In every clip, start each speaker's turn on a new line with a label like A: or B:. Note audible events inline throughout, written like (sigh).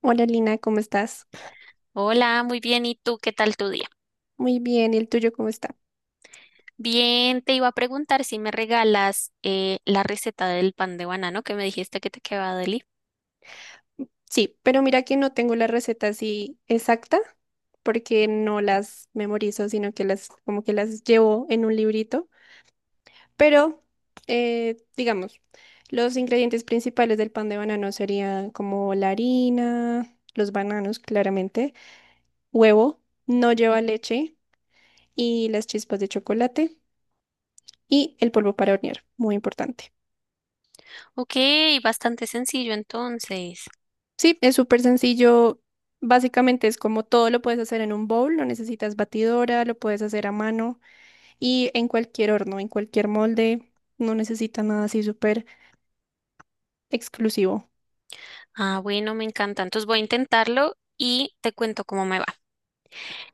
A: Hola Lina, ¿cómo estás?
B: Hola, muy bien. ¿Y tú qué tal tu día?
A: Muy bien, ¿y el tuyo cómo está?
B: Bien, te iba a preguntar si me regalas la receta del pan de banano que me dijiste que te quedaba deli.
A: Sí, pero mira que no tengo la receta así exacta porque no las memorizo, sino que las como que las llevo en un librito. Pero digamos, los ingredientes principales del pan de banano serían como la harina, los bananos claramente, huevo, no lleva leche y las chispas de chocolate y el polvo para hornear, muy importante.
B: Ok, bastante sencillo entonces.
A: Sí, es súper sencillo. Básicamente es como todo lo puedes hacer en un bowl, no necesitas batidora, lo puedes hacer a mano y en cualquier horno, en cualquier molde, no necesita nada así súper exclusivo.
B: Ah, bueno, me encanta. Entonces voy a intentarlo y te cuento cómo me va.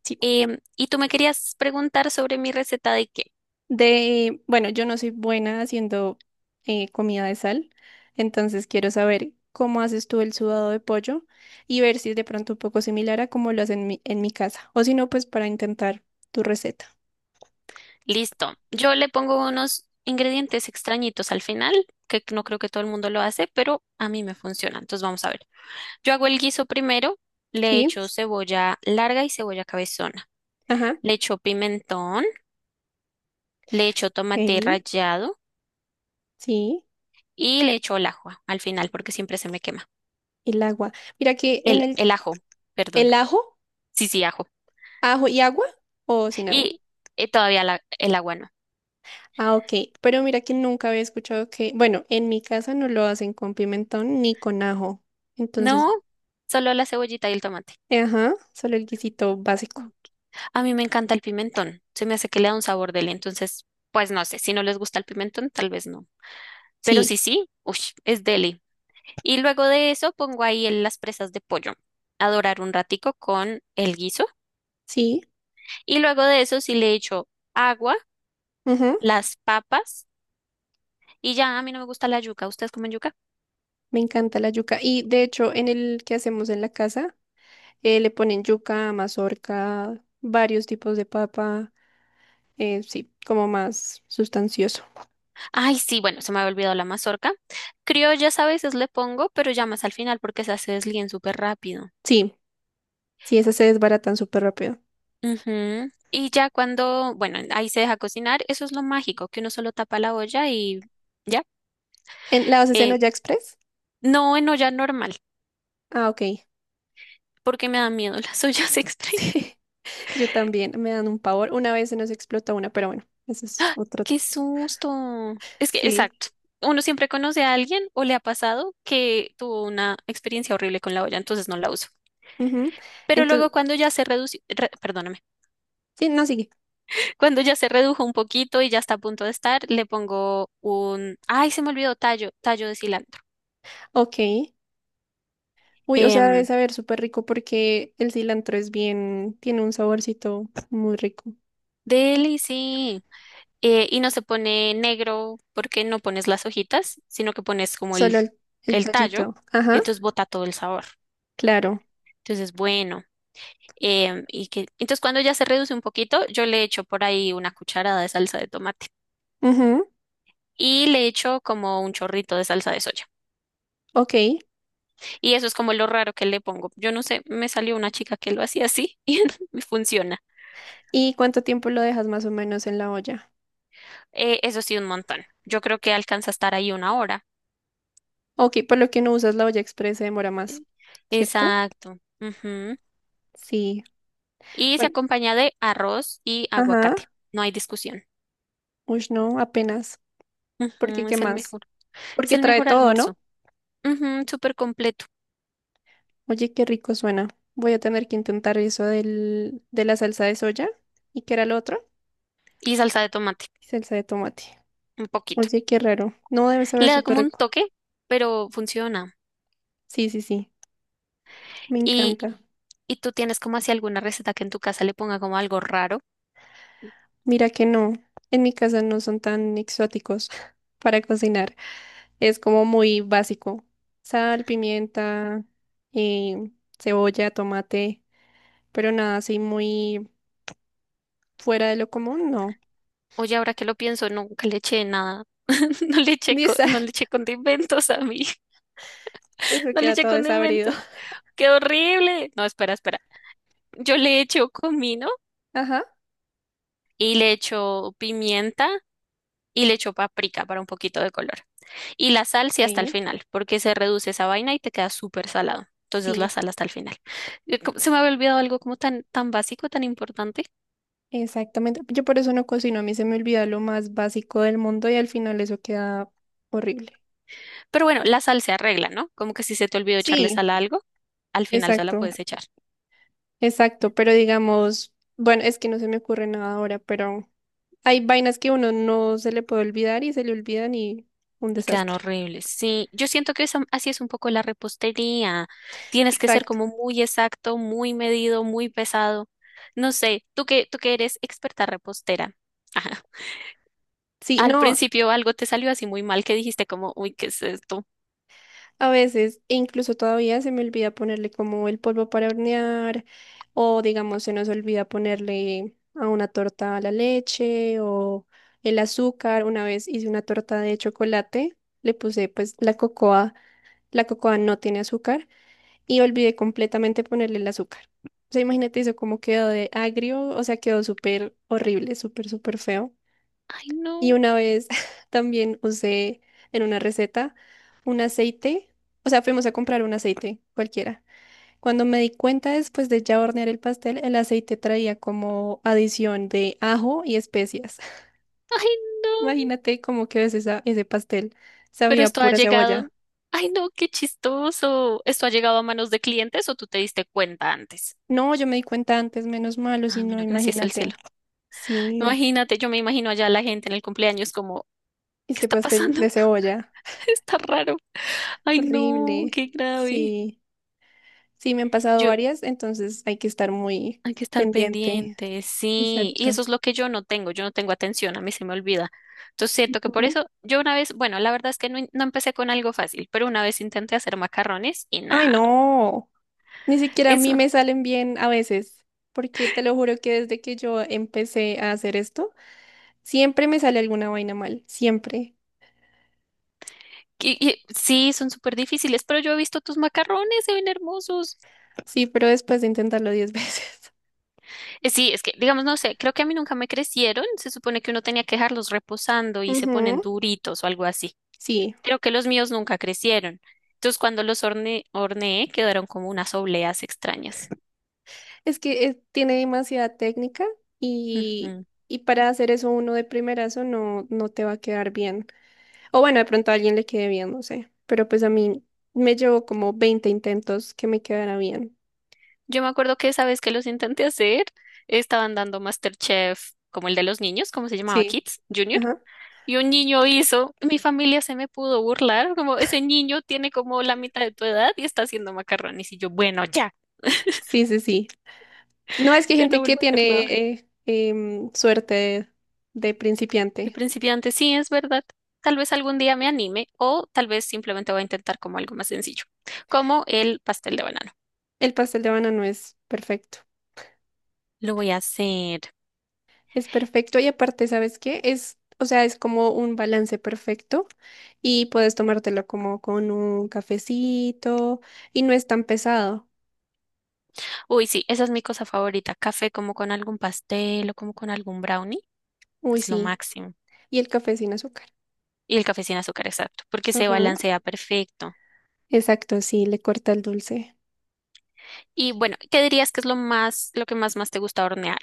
A: Sí.
B: ¿Y tú me querías preguntar sobre mi receta de qué?
A: De, bueno, yo no soy buena haciendo comida de sal, entonces quiero saber cómo haces tú el sudado de pollo y ver si es de pronto un poco similar a cómo lo hacen en en mi casa, o si no, pues para intentar tu receta.
B: Listo. Yo le pongo unos ingredientes extrañitos al final, que no creo que todo el mundo lo hace, pero a mí me funciona. Entonces vamos a ver. Yo hago el guiso primero, le
A: Sí,
B: echo cebolla larga y cebolla cabezona,
A: ajá,
B: le echo pimentón, le echo tomate
A: ok,
B: rallado
A: sí.
B: y le echo el ajo al final porque siempre se me quema.
A: El agua. Mira que en
B: El, el ajo, perdón.
A: el ajo,
B: Sí, sí, ajo.
A: ajo y agua o sin agua.
B: Y todavía el agua no.
A: Ah, ok. Pero mira que nunca había escuchado que, bueno, en mi casa no lo hacen con pimentón ni con ajo. Entonces,
B: No, solo la cebollita y el tomate.
A: ajá, solo el guisito básico.
B: A mí me encanta el pimentón, se me hace que le da un sabor deli, entonces, pues no sé, si no les gusta el pimentón, tal vez no. Pero sí,
A: Sí,
B: sí, uy, es deli. Y luego de eso pongo ahí las presas de pollo a dorar un ratico con el guiso.
A: sí,
B: Y luego de eso sí le echo agua,
A: ajá.
B: las papas y ya a mí no me gusta la yuca. ¿Ustedes comen yuca?
A: Me encanta la yuca. Y de hecho, en el que hacemos en la casa, le ponen yuca, mazorca, varios tipos de papa. Sí, como más sustancioso.
B: Ay, sí, bueno, se me había olvidado la mazorca. Criollas a veces le pongo, pero ya más al final porque esas se deslíen súper rápido.
A: Sí, sí, esas se desbaratan súper rápido.
B: Ujú. Y ya cuando, bueno, ahí se deja cocinar, eso es lo mágico, que uno solo tapa la olla y ya.
A: ¿En, ¿la haces en
B: Eh,
A: olla express?
B: no, en olla normal,
A: Ah, ok.
B: porque me dan miedo las ollas (laughs) extra.
A: Sí, (laughs) yo también, me dan un pavor. Una vez se nos explotó una, pero bueno, eso es otro.
B: Qué susto. Es que,
A: Sí.
B: exacto. Uno siempre conoce a alguien o le ha pasado que tuvo una experiencia horrible con la olla, entonces no la uso. Pero luego
A: Entonces,
B: cuando ya se redució, perdóname,
A: sí, no sigue.
B: (laughs) cuando ya se redujo un poquito y ya está a punto de estar, le pongo un, ay, se me olvidó, tallo, tallo de cilantro.
A: Ok. Uy, o sea, debe
B: Em,
A: saber súper rico porque el cilantro es bien, tiene un saborcito muy rico.
B: deli, sí. Y no se pone negro porque no pones las hojitas, sino que pones como
A: Solo el
B: el tallo
A: tallito.
B: y
A: Ajá,
B: entonces bota todo el sabor.
A: claro.
B: Entonces, bueno. Y que, entonces cuando ya se reduce un poquito, yo le echo por ahí una cucharada de salsa de tomate
A: Ujú,
B: y le echo como un chorrito de salsa de soya.
A: ok.
B: Y eso es como lo raro que le pongo. Yo no sé, me salió una chica que lo hacía así (laughs) y me funciona.
A: ¿Y cuánto tiempo lo dejas más o menos en la olla?
B: Eso sí, un montón. Yo creo que alcanza a estar ahí una hora.
A: Ok, por lo que no usas la olla express se demora más,
B: Eh,
A: ¿cierto?
B: Exacto. Ujú.
A: Sí.
B: Y se
A: Bueno,
B: acompaña de arroz y
A: ajá.
B: aguacate. No hay discusión.
A: Uy, no, apenas. Porque,
B: Ujú,
A: ¿qué
B: es el
A: más?
B: mejor. Es
A: Porque
B: el
A: trae
B: mejor
A: todo,
B: almuerzo.
A: ¿no?
B: Ujú, súper completo.
A: Oye, qué rico suena. Voy a tener que intentar eso del, de la salsa de soya. ¿Y qué era lo otro?
B: Y salsa de tomate.
A: Salsa de tomate.
B: Un poquito.
A: Oye, qué raro. No debe saber
B: Le da
A: súper
B: como un
A: rico.
B: toque, pero funciona.
A: Sí, sí, sí. Me
B: Y,
A: encanta.
B: y tú tienes como así alguna receta que en tu casa le ponga como algo raro.
A: Mira que no. En mi casa no son tan exóticos (laughs) para cocinar. Es como muy básico. Sal, pimienta, eh, cebolla, tomate. Pero nada así muy fuera de lo común, no.
B: Oye, ahora que lo pienso, nunca le eché nada. (laughs) No le
A: (laughs)
B: eché,
A: Y
B: no
A: esa-
B: le eché condimentos a mí. (laughs)
A: Eso
B: No le
A: queda
B: eché
A: todo desabrido.
B: condimentos. ¡Qué horrible! No, espera, espera. Yo le echo comino
A: Ajá.
B: y le echo pimienta y le echo paprika para un poquito de color. Y la sal sí hasta el
A: Sí.
B: final, porque se reduce esa vaina y te queda súper salado. Entonces la
A: Sí,
B: sal hasta el final. Se me había olvidado algo como tan, tan básico, tan importante.
A: exactamente. Yo por eso no cocino, a mí se me olvida lo más básico del mundo y al final eso queda horrible.
B: Pero bueno, la sal se arregla, ¿no? Como que si se te olvidó echarle
A: Sí,
B: sal a algo, al final se la
A: exacto,
B: puedes echar.
A: exacto, pero digamos, bueno, es que no se me ocurre nada ahora, pero hay vainas que uno no se le puede olvidar y se le olvidan y un
B: Y quedan
A: desastre.
B: horribles. Sí, yo siento que así es un poco la repostería. Tienes que ser
A: Exacto.
B: como muy exacto, muy medido, muy pesado. No sé, tú que eres experta repostera. (laughs) Ajá.
A: Sí,
B: Al
A: no,
B: principio algo te salió así muy mal que dijiste como, uy, ¿qué es esto?
A: a veces, e incluso todavía se me olvida ponerle como el polvo para hornear, o digamos, se nos olvida ponerle a una torta la leche o el azúcar. Una vez hice una torta de chocolate, le puse pues la cocoa no tiene azúcar y olvidé completamente ponerle el azúcar. O sea, imagínate eso, cómo quedó de agrio, o sea, quedó súper horrible, súper, súper feo.
B: Ay,
A: Y
B: no,
A: una vez (laughs) también usé en una receta un aceite, o sea, fuimos a comprar un aceite cualquiera. Cuando me di cuenta después de ya hornear el pastel, el aceite traía como adición de ajo y especias. (laughs)
B: ay, no.
A: Imagínate cómo quedó ese, sa- ese pastel.
B: Pero
A: Sabía a
B: esto ha
A: pura cebolla.
B: llegado. Ay, no, qué chistoso. ¿Esto ha llegado a manos de clientes o tú te diste cuenta antes?
A: No, yo me di cuenta antes, menos malo, si
B: Ah,
A: no,
B: bueno, gracias al
A: imagínate.
B: cielo.
A: Sí,
B: Imagínate, yo me imagino allá la gente en el cumpleaños como, ¿qué
A: este
B: está
A: pastel
B: pasando?
A: de cebolla.
B: (laughs) Está raro. Ay, no,
A: Horrible.
B: qué grave.
A: Sí, sí, me han pasado
B: Yo,
A: varias, entonces hay que estar muy
B: hay que estar
A: pendiente.
B: pendientes, sí. Y eso
A: Exacto.
B: es lo que yo no tengo atención, a mí se me olvida. Entonces siento que por
A: Ujú.
B: eso yo una vez, bueno, la verdad es que no, no empecé con algo fácil, pero una vez intenté hacer macarrones y
A: Ay,
B: nada,
A: no, ni siquiera a mí
B: eso.
A: me salen bien a veces, porque te lo juro que desde que yo empecé a hacer esto, siempre me sale alguna vaina mal, siempre.
B: Sí, son súper difíciles, pero yo he visto tus macarrones, se ven hermosos.
A: Sí, pero después de intentarlo 10 veces.
B: Sí, es que, digamos, no sé, creo que a mí nunca me crecieron, se supone que uno tenía que dejarlos reposando
A: (laughs)
B: y se ponen
A: Ujú,
B: duritos o algo así.
A: sí,
B: Creo que los míos nunca crecieron. Entonces cuando horneé quedaron como unas obleas extrañas.
A: es que tiene demasiada técnica y,
B: Ujú.
A: y para hacer eso uno de primerazo no, no te va a quedar bien. O bueno, de pronto a alguien le quede bien, no sé, pero pues a mí me llevó como 20 intentos que me quedara bien.
B: Yo me acuerdo que esa vez que los intenté hacer, estaban dando MasterChef, como el de los niños, como se llamaba?
A: Sí.
B: Kids Junior.
A: Ajá.
B: Y un niño hizo, mi familia se me pudo burlar, como ese niño tiene como la mitad de tu edad y está haciendo macarrones. Y yo, bueno, ya,
A: Sí, sí, sí. No, es que hay
B: ya no
A: gente que
B: vuelvo a hacer
A: tiene
B: nada.
A: eh, suerte de
B: De
A: principiante.
B: principiante, sí, es verdad. Tal vez algún día me anime o tal vez simplemente voy a intentar como algo más sencillo, como el pastel de banano.
A: El pastel de banano es perfecto.
B: Lo voy a hacer.
A: Es perfecto y aparte, ¿sabes qué? Es, o sea, es como un balance perfecto y puedes tomártelo como con un cafecito y no es tan pesado.
B: Uy, sí, esa es mi cosa favorita. Café como con algún pastel o como con algún brownie.
A: Uy,
B: Es lo
A: sí.
B: máximo.
A: Y el café sin azúcar.
B: Y el café sin azúcar, exacto, porque se
A: Ajá.
B: balancea perfecto.
A: Exacto, sí, le corta el dulce.
B: Y bueno, ¿qué dirías que es lo más, lo que más te gusta hornear?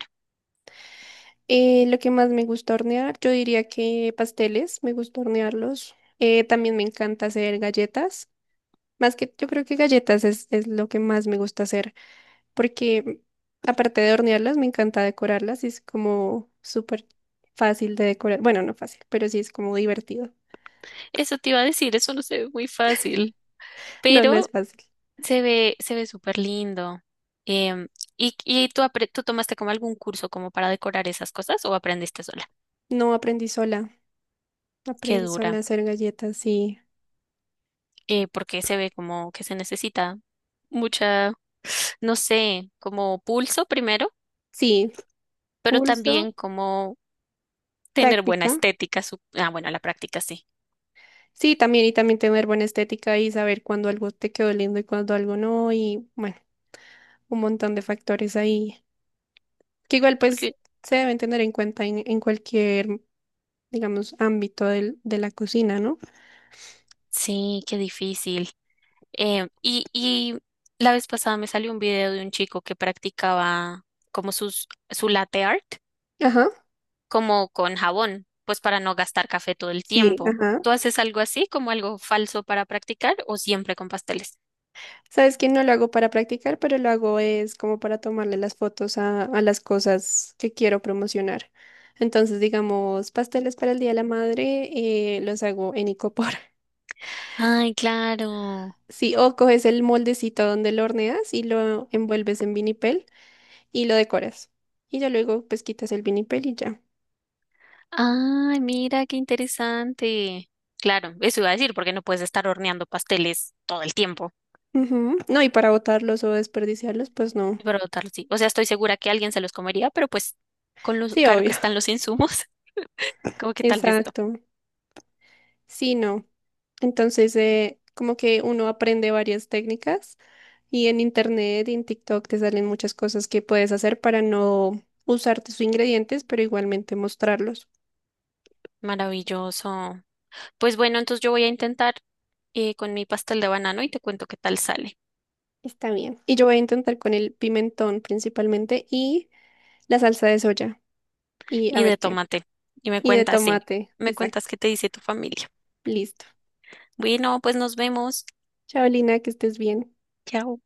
A: Lo que más me gusta hornear, yo diría que pasteles, me gusta hornearlos. También me encanta hacer galletas. Más que yo creo que galletas es lo que más me gusta hacer, porque aparte de hornearlas, me encanta decorarlas y es como súper fácil de decorar. Bueno, no fácil, pero sí es como divertido.
B: Eso te iba a decir, eso no se ve muy fácil,
A: No, no es
B: pero
A: fácil.
B: se ve súper lindo. Em, ¿Y, tú tomaste como algún curso como para decorar esas cosas o aprendiste sola?
A: No aprendí sola,
B: Qué
A: aprendí sola
B: dura,
A: a hacer galletas sí
B: porque se ve como que se necesita mucha, no sé, como pulso primero,
A: sí,
B: pero
A: pulso,
B: también como tener buena
A: práctica.
B: estética, ah, bueno, la práctica sí,
A: Sí, también y también tener buena estética y saber cuándo algo te quedó lindo y cuándo algo no y bueno, un montón de factores ahí que igual pues
B: porque
A: se deben tener en cuenta en cualquier digamos, ámbito del- de la cocina, ¿no?
B: sí, qué difícil. Em, y, y la vez pasada me salió un video de un chico que practicaba como su latte art,
A: Ajá,
B: como con jabón, pues para no gastar café todo el
A: sí.
B: tiempo.
A: Ajá.
B: ¿Tú haces algo así, como algo falso para practicar o siempre con pasteles?
A: Sabes que no lo hago para practicar, pero lo hago es como para tomarle las fotos a las cosas que quiero promocionar. Entonces, digamos, pasteles para el Día de la Madre, los hago en icopor. (laughs)
B: Ay, claro.
A: Sí, o coges el moldecito donde lo horneas y lo envuelves en vinipel y lo decoras. Y ya luego, pues, quitas el vinipel y ya.
B: Ay, mira, qué interesante. Claro, eso iba a decir, porque no puedes estar horneando pasteles todo el tiempo.
A: Ujú. No, y para botarlos o desperdiciarlos, pues no.
B: Brotar, sí. O sea, estoy segura que alguien se los comería, pero pues con lo
A: Sí,
B: caro que
A: obvio.
B: están
A: (laughs)
B: los insumos, (laughs) como que tal vez no.
A: Exacto. Sí, no. Entonces, como que uno aprende varias técnicas y en internet y en TikTok te salen muchas cosas que puedes hacer para no usar tus ingredientes, pero igualmente mostrarlos.
B: Maravilloso. Pues bueno, entonces yo voy a intentar con mi pastel de banano y te cuento qué tal sale.
A: Está bien. Y yo voy a intentar con el pimentón principalmente y la salsa de soya y a
B: Y de
A: ver qué.
B: tomate. Y me
A: Y de
B: cuentas, sí.
A: tomate,
B: Me cuentas
A: exacto.
B: qué te dice tu familia.
A: Listo.
B: Bueno, pues nos vemos.
A: Chao, Lina, que estés bien.
B: Chao.